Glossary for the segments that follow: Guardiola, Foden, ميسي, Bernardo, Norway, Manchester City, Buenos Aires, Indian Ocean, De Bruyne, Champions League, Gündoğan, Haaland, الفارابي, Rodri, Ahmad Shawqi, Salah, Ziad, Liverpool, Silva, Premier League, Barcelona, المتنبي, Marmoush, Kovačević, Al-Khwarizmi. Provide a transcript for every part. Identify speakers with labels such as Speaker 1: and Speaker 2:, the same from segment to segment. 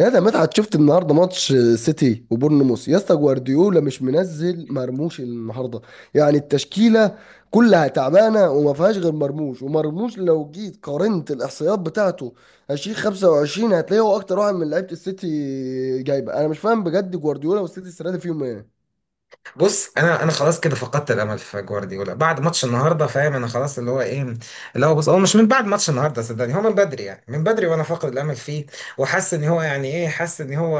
Speaker 1: يا ده مدحت، شفت النهارده ماتش سيتي وبورنموث؟ يا اسطى، جوارديولا مش منزل مرموش النهارده، يعني التشكيله كلها تعبانه وما فيهاش غير مرموش. ومرموش لو جيت قارنت الاحصائيات بتاعته 20 25 هتلاقيه هو اكتر واحد من لعيبه السيتي جايبه. انا مش فاهم بجد، جوارديولا والسيتي السنه دي فيهم ايه؟
Speaker 2: بص، انا خلاص كده فقدت الامل في جوارديولا بعد ماتش النهارده، فاهم؟ انا خلاص اللي هو ايه، اللي هو بص، هو مش من بعد ماتش النهارده، صدقني هو من بدري، يعني من بدري وانا فاقد الامل فيه. وحاسس ان هو يعني ايه، حاسس ان هو،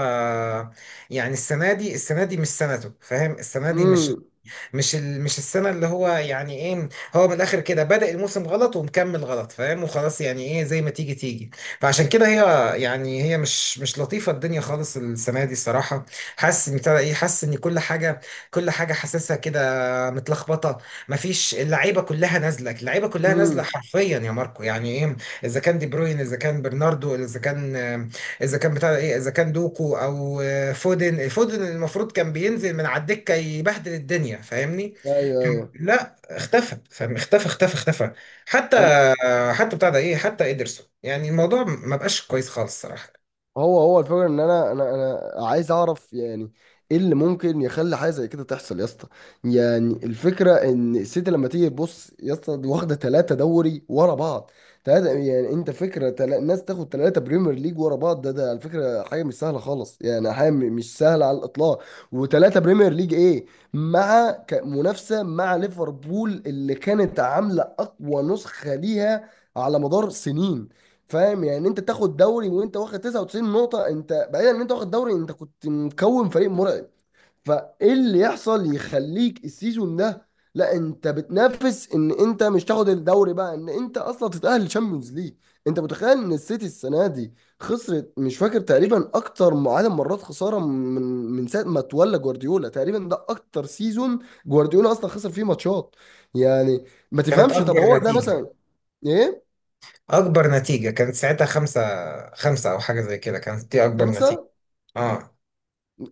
Speaker 2: يعني السنه دي مش سنته، فاهم؟ السنه دي مش
Speaker 1: امم.
Speaker 2: مش مش السنه اللي هو يعني ايه. هو من الاخر كده بدأ الموسم غلط ومكمل غلط، فاهم، وخلاص يعني ايه، زي ما تيجي تيجي. فعشان كده هي، يعني هي مش لطيفه الدنيا خالص السنه دي الصراحه. حاسس ان ابتدى ايه، حاسس ان كل حاجه، كل حاجه حاسسها كده متلخبطه. مفيش، اللعيبه كلها نازله، اللعيبه كلها نازله
Speaker 1: امم.
Speaker 2: حرفيا يا ماركو، يعني ايه؟ اذا كان دي بروين، اذا كان برناردو، اذا كان بتاع ايه، اذا كان دوكو او فودن المفروض كان بينزل من على الدكه يبهدل الدنيا، فاهمني؟
Speaker 1: ايوه، ايوه.
Speaker 2: لا، اختفى، فاهم؟ اختفى اختفى اختفى. حتى
Speaker 1: أنا-
Speaker 2: حتى بتاع ده ايه، حتى ادرسون، يعني الموضوع ما بقاش كويس خالص الصراحه.
Speaker 1: هو الفكرة ان انا عايز اعرف، يعني ايه اللي ممكن يخلي حاجة زي كده تحصل يا اسطى؟ يعني الفكرة ان السيتي، لما تيجي تبص يا اسطى، دي واخدة ثلاثة دوري ورا بعض. ثلاثة، يعني انت فكرة الناس تاخد ثلاثة بريمير ليج ورا بعض، ده على فكرة حاجة مش سهلة خالص، يعني حاجة مش سهلة على الاطلاق. وثلاثة بريمير ليج ايه، مع منافسة مع ليفربول اللي كانت عاملة اقوى نسخة ليها على مدار سنين. فاهم؟ يعني انت تاخد دوري وانت واخد 99 نقطة، انت بعيدا ان انت واخد دوري، انت كنت مكون فريق مرعب. فايه اللي يحصل يخليك السيزون ده، لا انت بتنافس ان انت مش تاخد الدوري بقى، ان انت اصلا تتأهل تشامبيونز ليج؟ انت متخيل ان السيتي السنة دي خسرت؟ مش فاكر تقريبا اكتر عدد مرات خسارة من ساعة ما تولى جوارديولا، تقريبا ده اكتر سيزون جوارديولا اصلا خسر فيه ماتشات. يعني ما
Speaker 2: كانت
Speaker 1: تفهمش؟ طب
Speaker 2: اكبر
Speaker 1: هو ده
Speaker 2: نتيجه،
Speaker 1: مثلا؟ ايه؟
Speaker 2: اكبر نتيجه كانت ساعتها خمسة، خمسة او حاجه زي كده، كانت دي اكبر نتيجه.
Speaker 1: خمسة؟
Speaker 2: اه.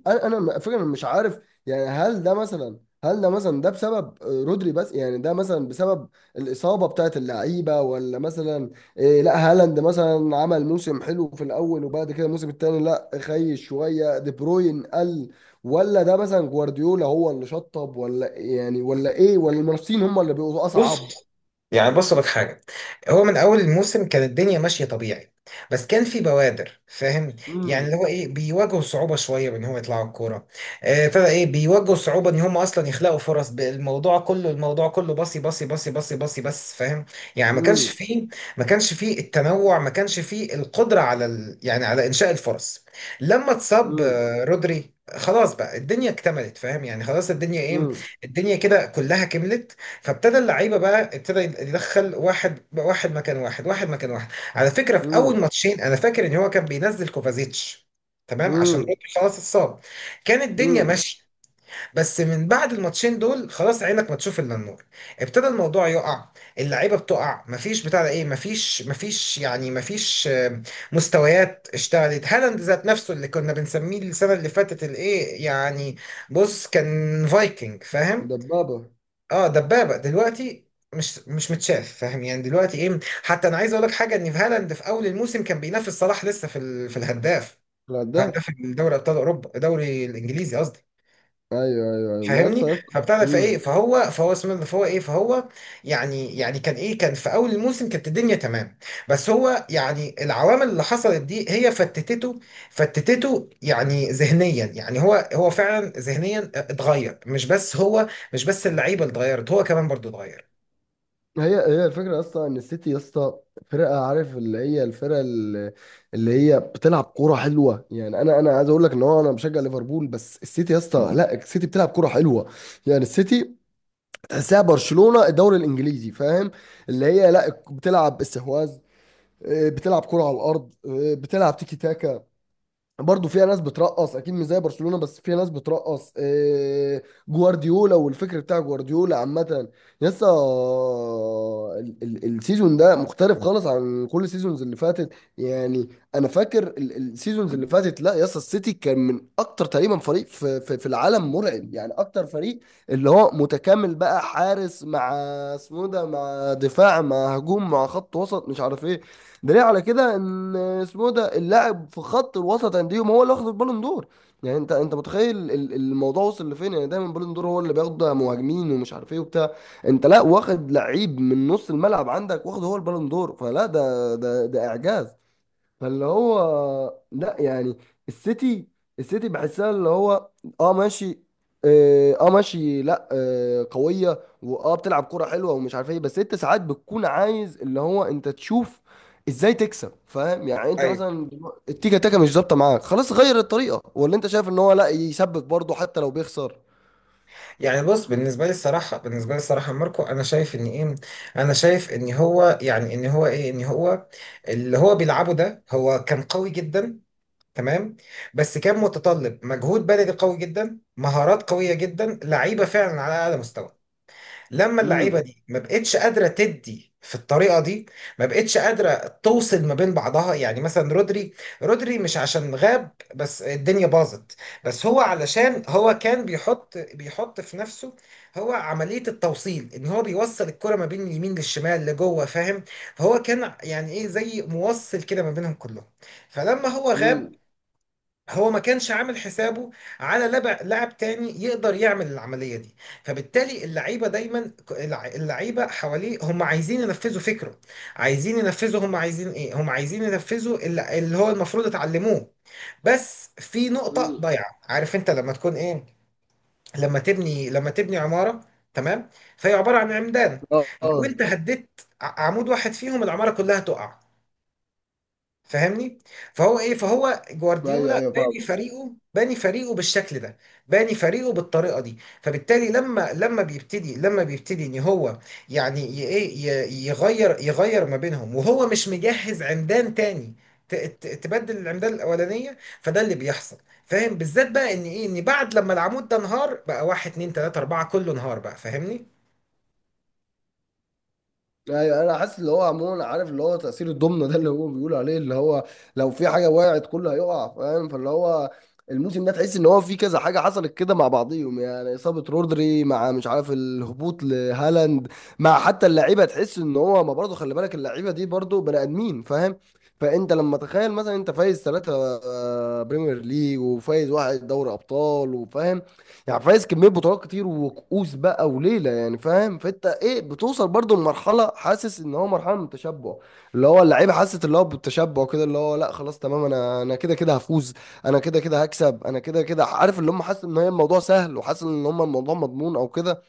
Speaker 1: انا فكرة مش عارف. يعني هل ده مثلا، ده بسبب رودري بس، يعني ده مثلا بسبب الإصابة بتاعت اللعيبة، ولا مثلا إيه، لا هالاند مثلا عمل موسم حلو في الأول وبعد كده الموسم التاني لا خيش شوية، دي بروين قل، ولا ده مثلا جوارديولا هو اللي شطب، ولا يعني ولا إيه، ولا المنافسين هم اللي بيبقوا
Speaker 2: بص،
Speaker 1: أصعب؟
Speaker 2: يعني بص لك حاجة، هو من أول الموسم كانت الدنيا ماشية طبيعي، بس كان في بوادر، فاهم؟ يعني اللي
Speaker 1: امم.
Speaker 2: هو إيه، بيواجهوا صعوبة شوية بإن هو يطلعوا الكورة. ابتدى إيه، بيواجهوا صعوبة إن هم أصلا يخلقوا فرص. الموضوع كله، الموضوع كله باصي باصي باصي باصي باصي بس، فاهم؟ يعني ما كانش
Speaker 1: امم.
Speaker 2: فيه، ما كانش فيه التنوع، ما كانش فيه القدرة على يعني على إنشاء الفرص. لما اتصاب
Speaker 1: امم.
Speaker 2: رودري خلاص بقى الدنيا اكتملت، فاهم؟ يعني خلاص الدنيا ايه، الدنيا كده كلها كملت. فابتدى اللعيبه بقى، ابتدى يدخل واحد واحد مكان واحد واحد مكان واحد. على فكره في اول
Speaker 1: امم.
Speaker 2: ماتشين انا فاكر ان هو كان بينزل كوفازيتش، تمام، عشان
Speaker 1: امم.
Speaker 2: رودري خلاص اتصاب. كان الدنيا
Speaker 1: امم.
Speaker 2: ماشيه، بس من بعد الماتشين دول خلاص عينك ما تشوف الا النور، ابتدى الموضوع يقع، اللعيبه بتقع، مفيش بتاع ده ايه، مفيش يعني مفيش مستويات. اشتغلت هالاند ذات نفسه اللي كنا بنسميه السنه اللي فاتت الايه يعني؟ بص، كان فايكنج، فاهم؟
Speaker 1: دبابة.
Speaker 2: اه، دبابه. دلوقتي مش متشاف، فاهم؟ يعني دلوقتي ايه، حتى انا عايز اقول لك حاجه، ان في هالاند في اول الموسم كان بينافس صلاح لسه في في الهداف، في
Speaker 1: لا.
Speaker 2: هداف الدوري ابطال اوروبا، الدوري الانجليزي قصدي،
Speaker 1: ايوه، ايوه، ايوه، ما
Speaker 2: فاهمني؟
Speaker 1: يسطا يسطا.
Speaker 2: فبتاع ده، فايه،
Speaker 1: امم.
Speaker 2: فهو اسمه ده، فهو ايه، فهو، يعني كان ايه، كان في اول الموسم كانت الدنيا تمام، بس هو يعني العوامل اللي حصلت دي هي فتتته، فتتته يعني ذهنيا، يعني هو فعلا ذهنيا اتغير، مش بس هو، مش بس اللعيبه اللي اتغيرت، هو كمان برضو اتغير.
Speaker 1: هي هي الفكره اصلا ان السيتي يسطا فرقه، عارف اللي هي الفرقه اللي هي بتلعب كوره حلوه، يعني انا عايز اقول لك ان هو انا بشجع ليفربول، بس السيتي يسطا، لا، السيتي بتلعب كوره حلوه. يعني السيتي تحسها برشلونه الدوري الانجليزي، فاهم؟ اللي هي لا، بتلعب استحواذ، بتلعب كوره على الارض، بتلعب تيكي تاكا. برضه فيها ناس بترقص، اكيد مش زي برشلونه، بس فيها ناس بترقص إيه، جوارديولا والفكر بتاع جوارديولا عامه لسه. السيزون ده مختلف خالص عن كل السيزونز اللي فاتت. يعني انا فاكر السيزونز اللي فاتت، لا يسطا، السيتي كان من اكتر تقريبا فريق في العالم مرعب، يعني اكتر فريق اللي هو متكامل بقى، حارس مع اسمه ده، مع دفاع، مع هجوم، مع خط وسط، مش عارف ايه. دليل على كده، ان اسمه ده اللاعب في خط الوسط انديهم هو اللي واخد البالون دور. يعني انت متخيل الموضوع وصل لفين، يعني دايما البالون دور هو اللي بياخد مهاجمين ومش عارف ايه وبتاع. انت لا، واخد لعيب من نص الملعب عندك واخد هو البالون دور، فلا ده اعجاز. فاللي هو لا يعني، السيتي السيتي بحسها اللي هو اه ماشي، اه ماشي، لا قوية، واه بتلعب كرة حلوة ومش عارف ايه، بس انت ساعات بتكون عايز اللي هو انت تشوف ازاي تكسب، فاهم؟ يعني انت
Speaker 2: ايوه.
Speaker 1: مثلا دلوقتي التيكا تاكا مش ظابطة معاك، خلاص غير الطريقة، ولا انت شايف ان هو لا، يسبك برضه حتى لو بيخسر؟
Speaker 2: يعني بص، بالنسبه لي الصراحه، بالنسبه لي الصراحه ماركو، انا شايف ان ايه، انا شايف ان هو يعني ان هو ايه، ان هو اللي هو بيلعبه ده هو كان قوي جدا، تمام، بس كان متطلب مجهود بدني قوي جدا، مهارات قويه جدا، لعيبه فعلا على اعلى مستوى. لما
Speaker 1: امم.
Speaker 2: اللعيبه دي ما بقتش قادره تدي في الطريقه دي، ما بقتش قادره توصل ما بين بعضها. يعني مثلا رودري، رودري مش عشان غاب بس الدنيا باظت، بس هو علشان هو كان بيحط، بيحط في نفسه هو عمليه التوصيل، ان هو بيوصل الكره ما بين اليمين للشمال لجوه، فاهم؟ فهو كان يعني ايه زي موصل كده ما بينهم كلهم. فلما هو غاب
Speaker 1: امم.
Speaker 2: هو ما كانش عامل حسابه على لعب لاعب تاني يقدر يعمل العملية دي. فبالتالي اللعيبة دايما اللعيبة حواليه هم عايزين ينفذوا فكره، عايزين ينفذوا، هم عايزين ايه، هم عايزين ينفذوا اللي هو المفروض اتعلموه، بس في نقطة
Speaker 1: امم.
Speaker 2: ضايعة. عارف انت لما تكون ايه، لما تبني لما تبني عمارة، تمام، فهي عبارة عن عمدان،
Speaker 1: اه.
Speaker 2: لو انت
Speaker 1: آه.
Speaker 2: هديت عمود واحد فيهم العمارة كلها تقع، فاهمني؟ فهو ايه، فهو
Speaker 1: ايوه،
Speaker 2: جوارديولا
Speaker 1: ايوه، فاهم.
Speaker 2: باني فريقه، باني فريقه بالشكل ده، باني فريقه بالطريقه دي. فبالتالي لما بيبتدي، لما بيبتدي ان هو يعني يغير، يغير ما بينهم وهو مش مجهز عمدان تاني، تبدل العمدان الاولانيه، فده اللي بيحصل، فاهم؟ بالذات بقى ان ايه، ان بعد لما العمود ده انهار بقى واحد اتنين تلاته اربعه كله انهار بقى، فاهمني؟
Speaker 1: ايوه، انا حاسس اللي هو عموما، عارف اللي هو تأثير الضمنة ده اللي هو بيقول عليه، اللي هو لو في حاجة وقعت كله هيقع، فاهم؟ فاللي هو الموسم ده تحس ان هو في كذا حاجة حصلت كده مع بعضيهم، يعني إصابة رودري، مع مش عارف الهبوط لهالاند، مع حتى اللعيبة تحس ان هو، ما برضه خلي بالك اللعيبة دي برضه بني آدمين، فاهم؟ فانت لما تخيل مثلا انت فايز ثلاثة بريمير ليج وفايز واحد دوري ابطال، وفاهم يعني فايز كميه بطولات كتير وكؤوس بقى وليله يعني، فاهم؟ فانت ايه، بتوصل برضو لمرحله، حاسس ان هو مرحله من التشبع، اللي هو اللعيبه حاسه اللي هو بالتشبع كده، اللي هو لا خلاص تمام، انا كده كده هفوز، انا كده كده هكسب، انا كده كده عارف اللي هم، حاسس ان هي الموضوع سهل، وحاسس ان هم الموضوع مضمون او كده.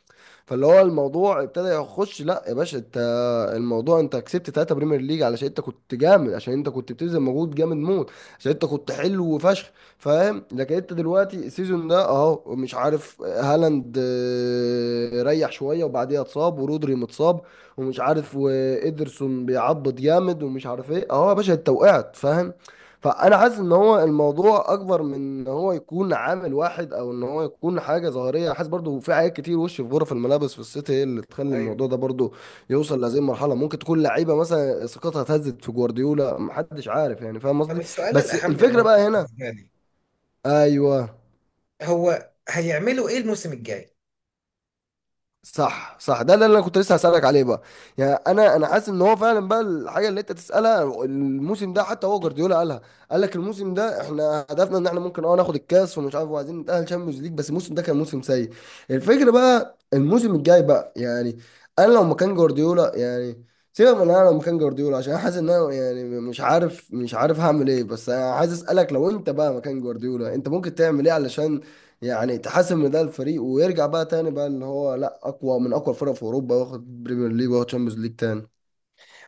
Speaker 1: فاللي هو الموضوع ابتدى يخش، لا يا باشا انت، الموضوع انت كسبت ثلاثة بريمير ليج علشان انت كنت جامد، عشان انت كنت بتبذل مجهود جامد موت، عشان انت كنت حلو وفشخ، فاهم؟ لكن انت دلوقتي السيزون ده اهو مش عارف، هالاند ريح شوية وبعديها اتصاب، ورودري متصاب، ومش عارف، وإيدرسون بيعبط جامد، ومش عارف ايه، اهو يا باشا انت وقعت، فاهم؟ فانا حاسس ان هو الموضوع اكبر من ان هو يكون عامل واحد، او ان هو يكون حاجه ظاهريه، حاسس برضو في حاجات كتير وش في غرف الملابس في السيتي هي اللي تخلي
Speaker 2: ايوه.
Speaker 1: الموضوع ده برضو يوصل لهذه المرحله، ممكن تكون لعيبه مثلا ثقتها اتهزت في جوارديولا محدش عارف، يعني فاهم
Speaker 2: طب
Speaker 1: قصدي؟
Speaker 2: السؤال
Speaker 1: بس
Speaker 2: الاهم يا
Speaker 1: الفكره
Speaker 2: ماركو
Speaker 1: بقى هنا.
Speaker 2: بالنسبه لي،
Speaker 1: ايوه،
Speaker 2: هو هيعملوا ايه الموسم الجاي؟
Speaker 1: صح، صح، ده اللي انا كنت لسه هسألك عليه بقى. يعني انا حاسس ان هو فعلا بقى الحاجه اللي انت تسألها، الموسم ده حتى هو جوارديولا قالها، قال لك الموسم ده احنا هدفنا ان احنا ممكن ناخد الكاس ومش عارف، وعايزين نتأهل تشامبيونز ليج، بس الموسم ده كان موسم سيء. الفكره بقى الموسم الجاي بقى، يعني انا لو مكان جوارديولا يعني، سيبك من انا لو مكان جوارديولا، عشان انا حاسس ان انا يعني مش عارف هعمل ايه، بس انا عايز اسالك، لو انت بقى مكان جوارديولا انت ممكن تعمل ايه علشان يعني تحسم ان ده الفريق، ويرجع بقى تاني بقى ان هو لا، اقوى من اقوى الفرق في اوروبا، واخد بريمير ليج واخد تشامبيونز ليج تاني.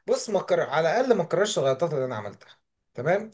Speaker 2: بص، ما كر... على الاقل ما اكررش الغلطات اللي انا عملتها، تمام،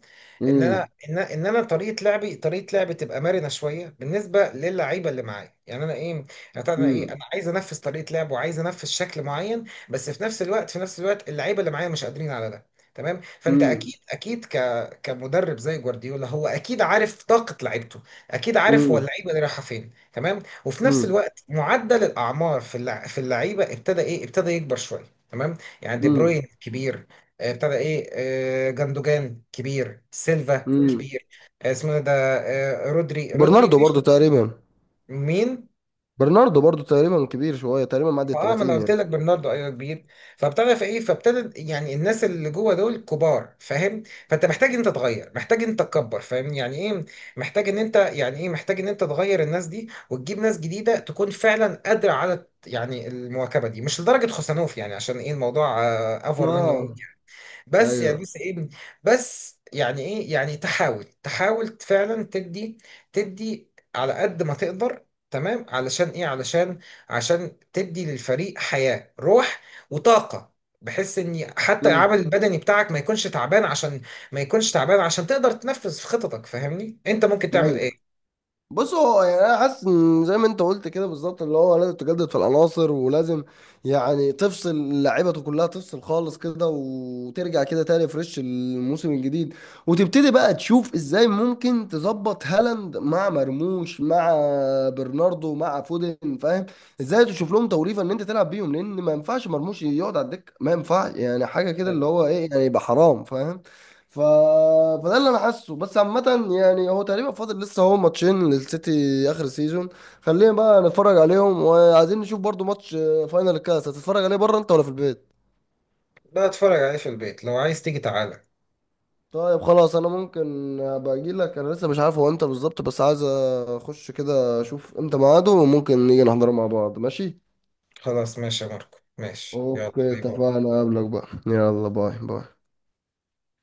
Speaker 2: ان انا،
Speaker 1: امم.
Speaker 2: ان انا طريقه لعبي، طريقه لعبي تبقى مرنه شويه بالنسبه للعيبه اللي معايا، يعني انا ايه، يعني طبعاً انا ايه،
Speaker 1: امم.
Speaker 2: انا عايز انفذ طريقه لعب وعايز انفذ شكل معين، بس في نفس الوقت، في نفس الوقت اللعيبه اللي معايا مش قادرين على ده، تمام. فانت
Speaker 1: امم.
Speaker 2: اكيد، اكيد كمدرب زي جوارديولا هو اكيد عارف طاقه لعيبته، اكيد عارف هو
Speaker 1: امم.
Speaker 2: اللعيبه اللي رايحه فين، تمام. وفي نفس
Speaker 1: امم.
Speaker 2: الوقت معدل الاعمار في في اللعيبه ابتدى ايه، ابتدى يكبر شويه، تمام. يعني دي
Speaker 1: امم.
Speaker 2: بروين كبير، ابتدى ايه، جندوجان كبير، سيلفا
Speaker 1: امم.
Speaker 2: كبير، اسمه إيه ده، رودري، رودري
Speaker 1: برناردو
Speaker 2: مش،
Speaker 1: برضو تقريبا.
Speaker 2: مين؟
Speaker 1: برناردو برضو تقريبا كبير شويه، تقريبا معدي ال
Speaker 2: ما انا
Speaker 1: 30
Speaker 2: قلت
Speaker 1: يعني.
Speaker 2: لك برناردو، ايوه كبير. فابتدى في ايه، فابتدى يعني الناس اللي جوه دول كبار، فاهم؟ فانت محتاج انت تغير، محتاج انت تكبر، فاهم؟ يعني ايه محتاج ان انت، يعني ايه محتاج ان انت تغير الناس دي وتجيب ناس جديده تكون فعلا قادره على يعني المواكبه دي، مش لدرجه خوسانوف يعني، عشان ايه الموضوع افور منه.
Speaker 1: اه.
Speaker 2: بس يا
Speaker 1: ايوه.
Speaker 2: بص ايه، بس يعني ايه، يعني تحاول، تحاول فعلا تدي، تدي على قد ما تقدر، تمام، علشان ايه، علشان عشان تدي للفريق حياة روح وطاقة، بحيث ان حتى
Speaker 1: امم.
Speaker 2: العمل البدني بتاعك ما يكونش تعبان، عشان تقدر تنفذ في خططك، فاهمني؟ انت ممكن تعمل
Speaker 1: ايوه،
Speaker 2: ايه؟
Speaker 1: بص هو يعني انا حاسس ان زي ما انت قلت كده بالظبط، اللي هو لازم تجدد في العناصر، ولازم يعني تفصل لعيبته كلها، تفصل خالص كده وترجع كده تاني فريش الموسم الجديد، وتبتدي بقى تشوف ازاي ممكن تظبط هالاند مع مرموش، مع برناردو، مع فودن، فاهم؟ ازاي تشوف لهم توليفه ان انت تلعب بيهم، لان ما ينفعش مرموش يقعد على الدكه، ما ينفعش يعني حاجه كده اللي
Speaker 2: طيب.
Speaker 1: هو ايه، يعني يبقى حرام، فاهم؟ ف... فده اللي انا حاسه، بس عامة يعني هو تقريبا فاضل لسه هو ماتشين للسيتي اخر سيزون. خلينا بقى نتفرج عليهم، وعايزين نشوف برضو ماتش فاينل الكاس. هتتفرج عليه بره انت ولا في البيت؟
Speaker 2: ده اتفرج عليه في البيت، لو عايز تيجي تعالى.
Speaker 1: طيب خلاص، انا ممكن ابقى اجي لك، انا لسه مش عارف هو امتى بالظبط، بس عايز اخش كده اشوف امتى ميعاده، وممكن نيجي نحضره مع بعض، ماشي.
Speaker 2: خلاص ماشي يا ماركو، ماشي، يلا
Speaker 1: اوكي،
Speaker 2: باي باي.
Speaker 1: اتفقنا، اقابلك بقى، يلا باي باي.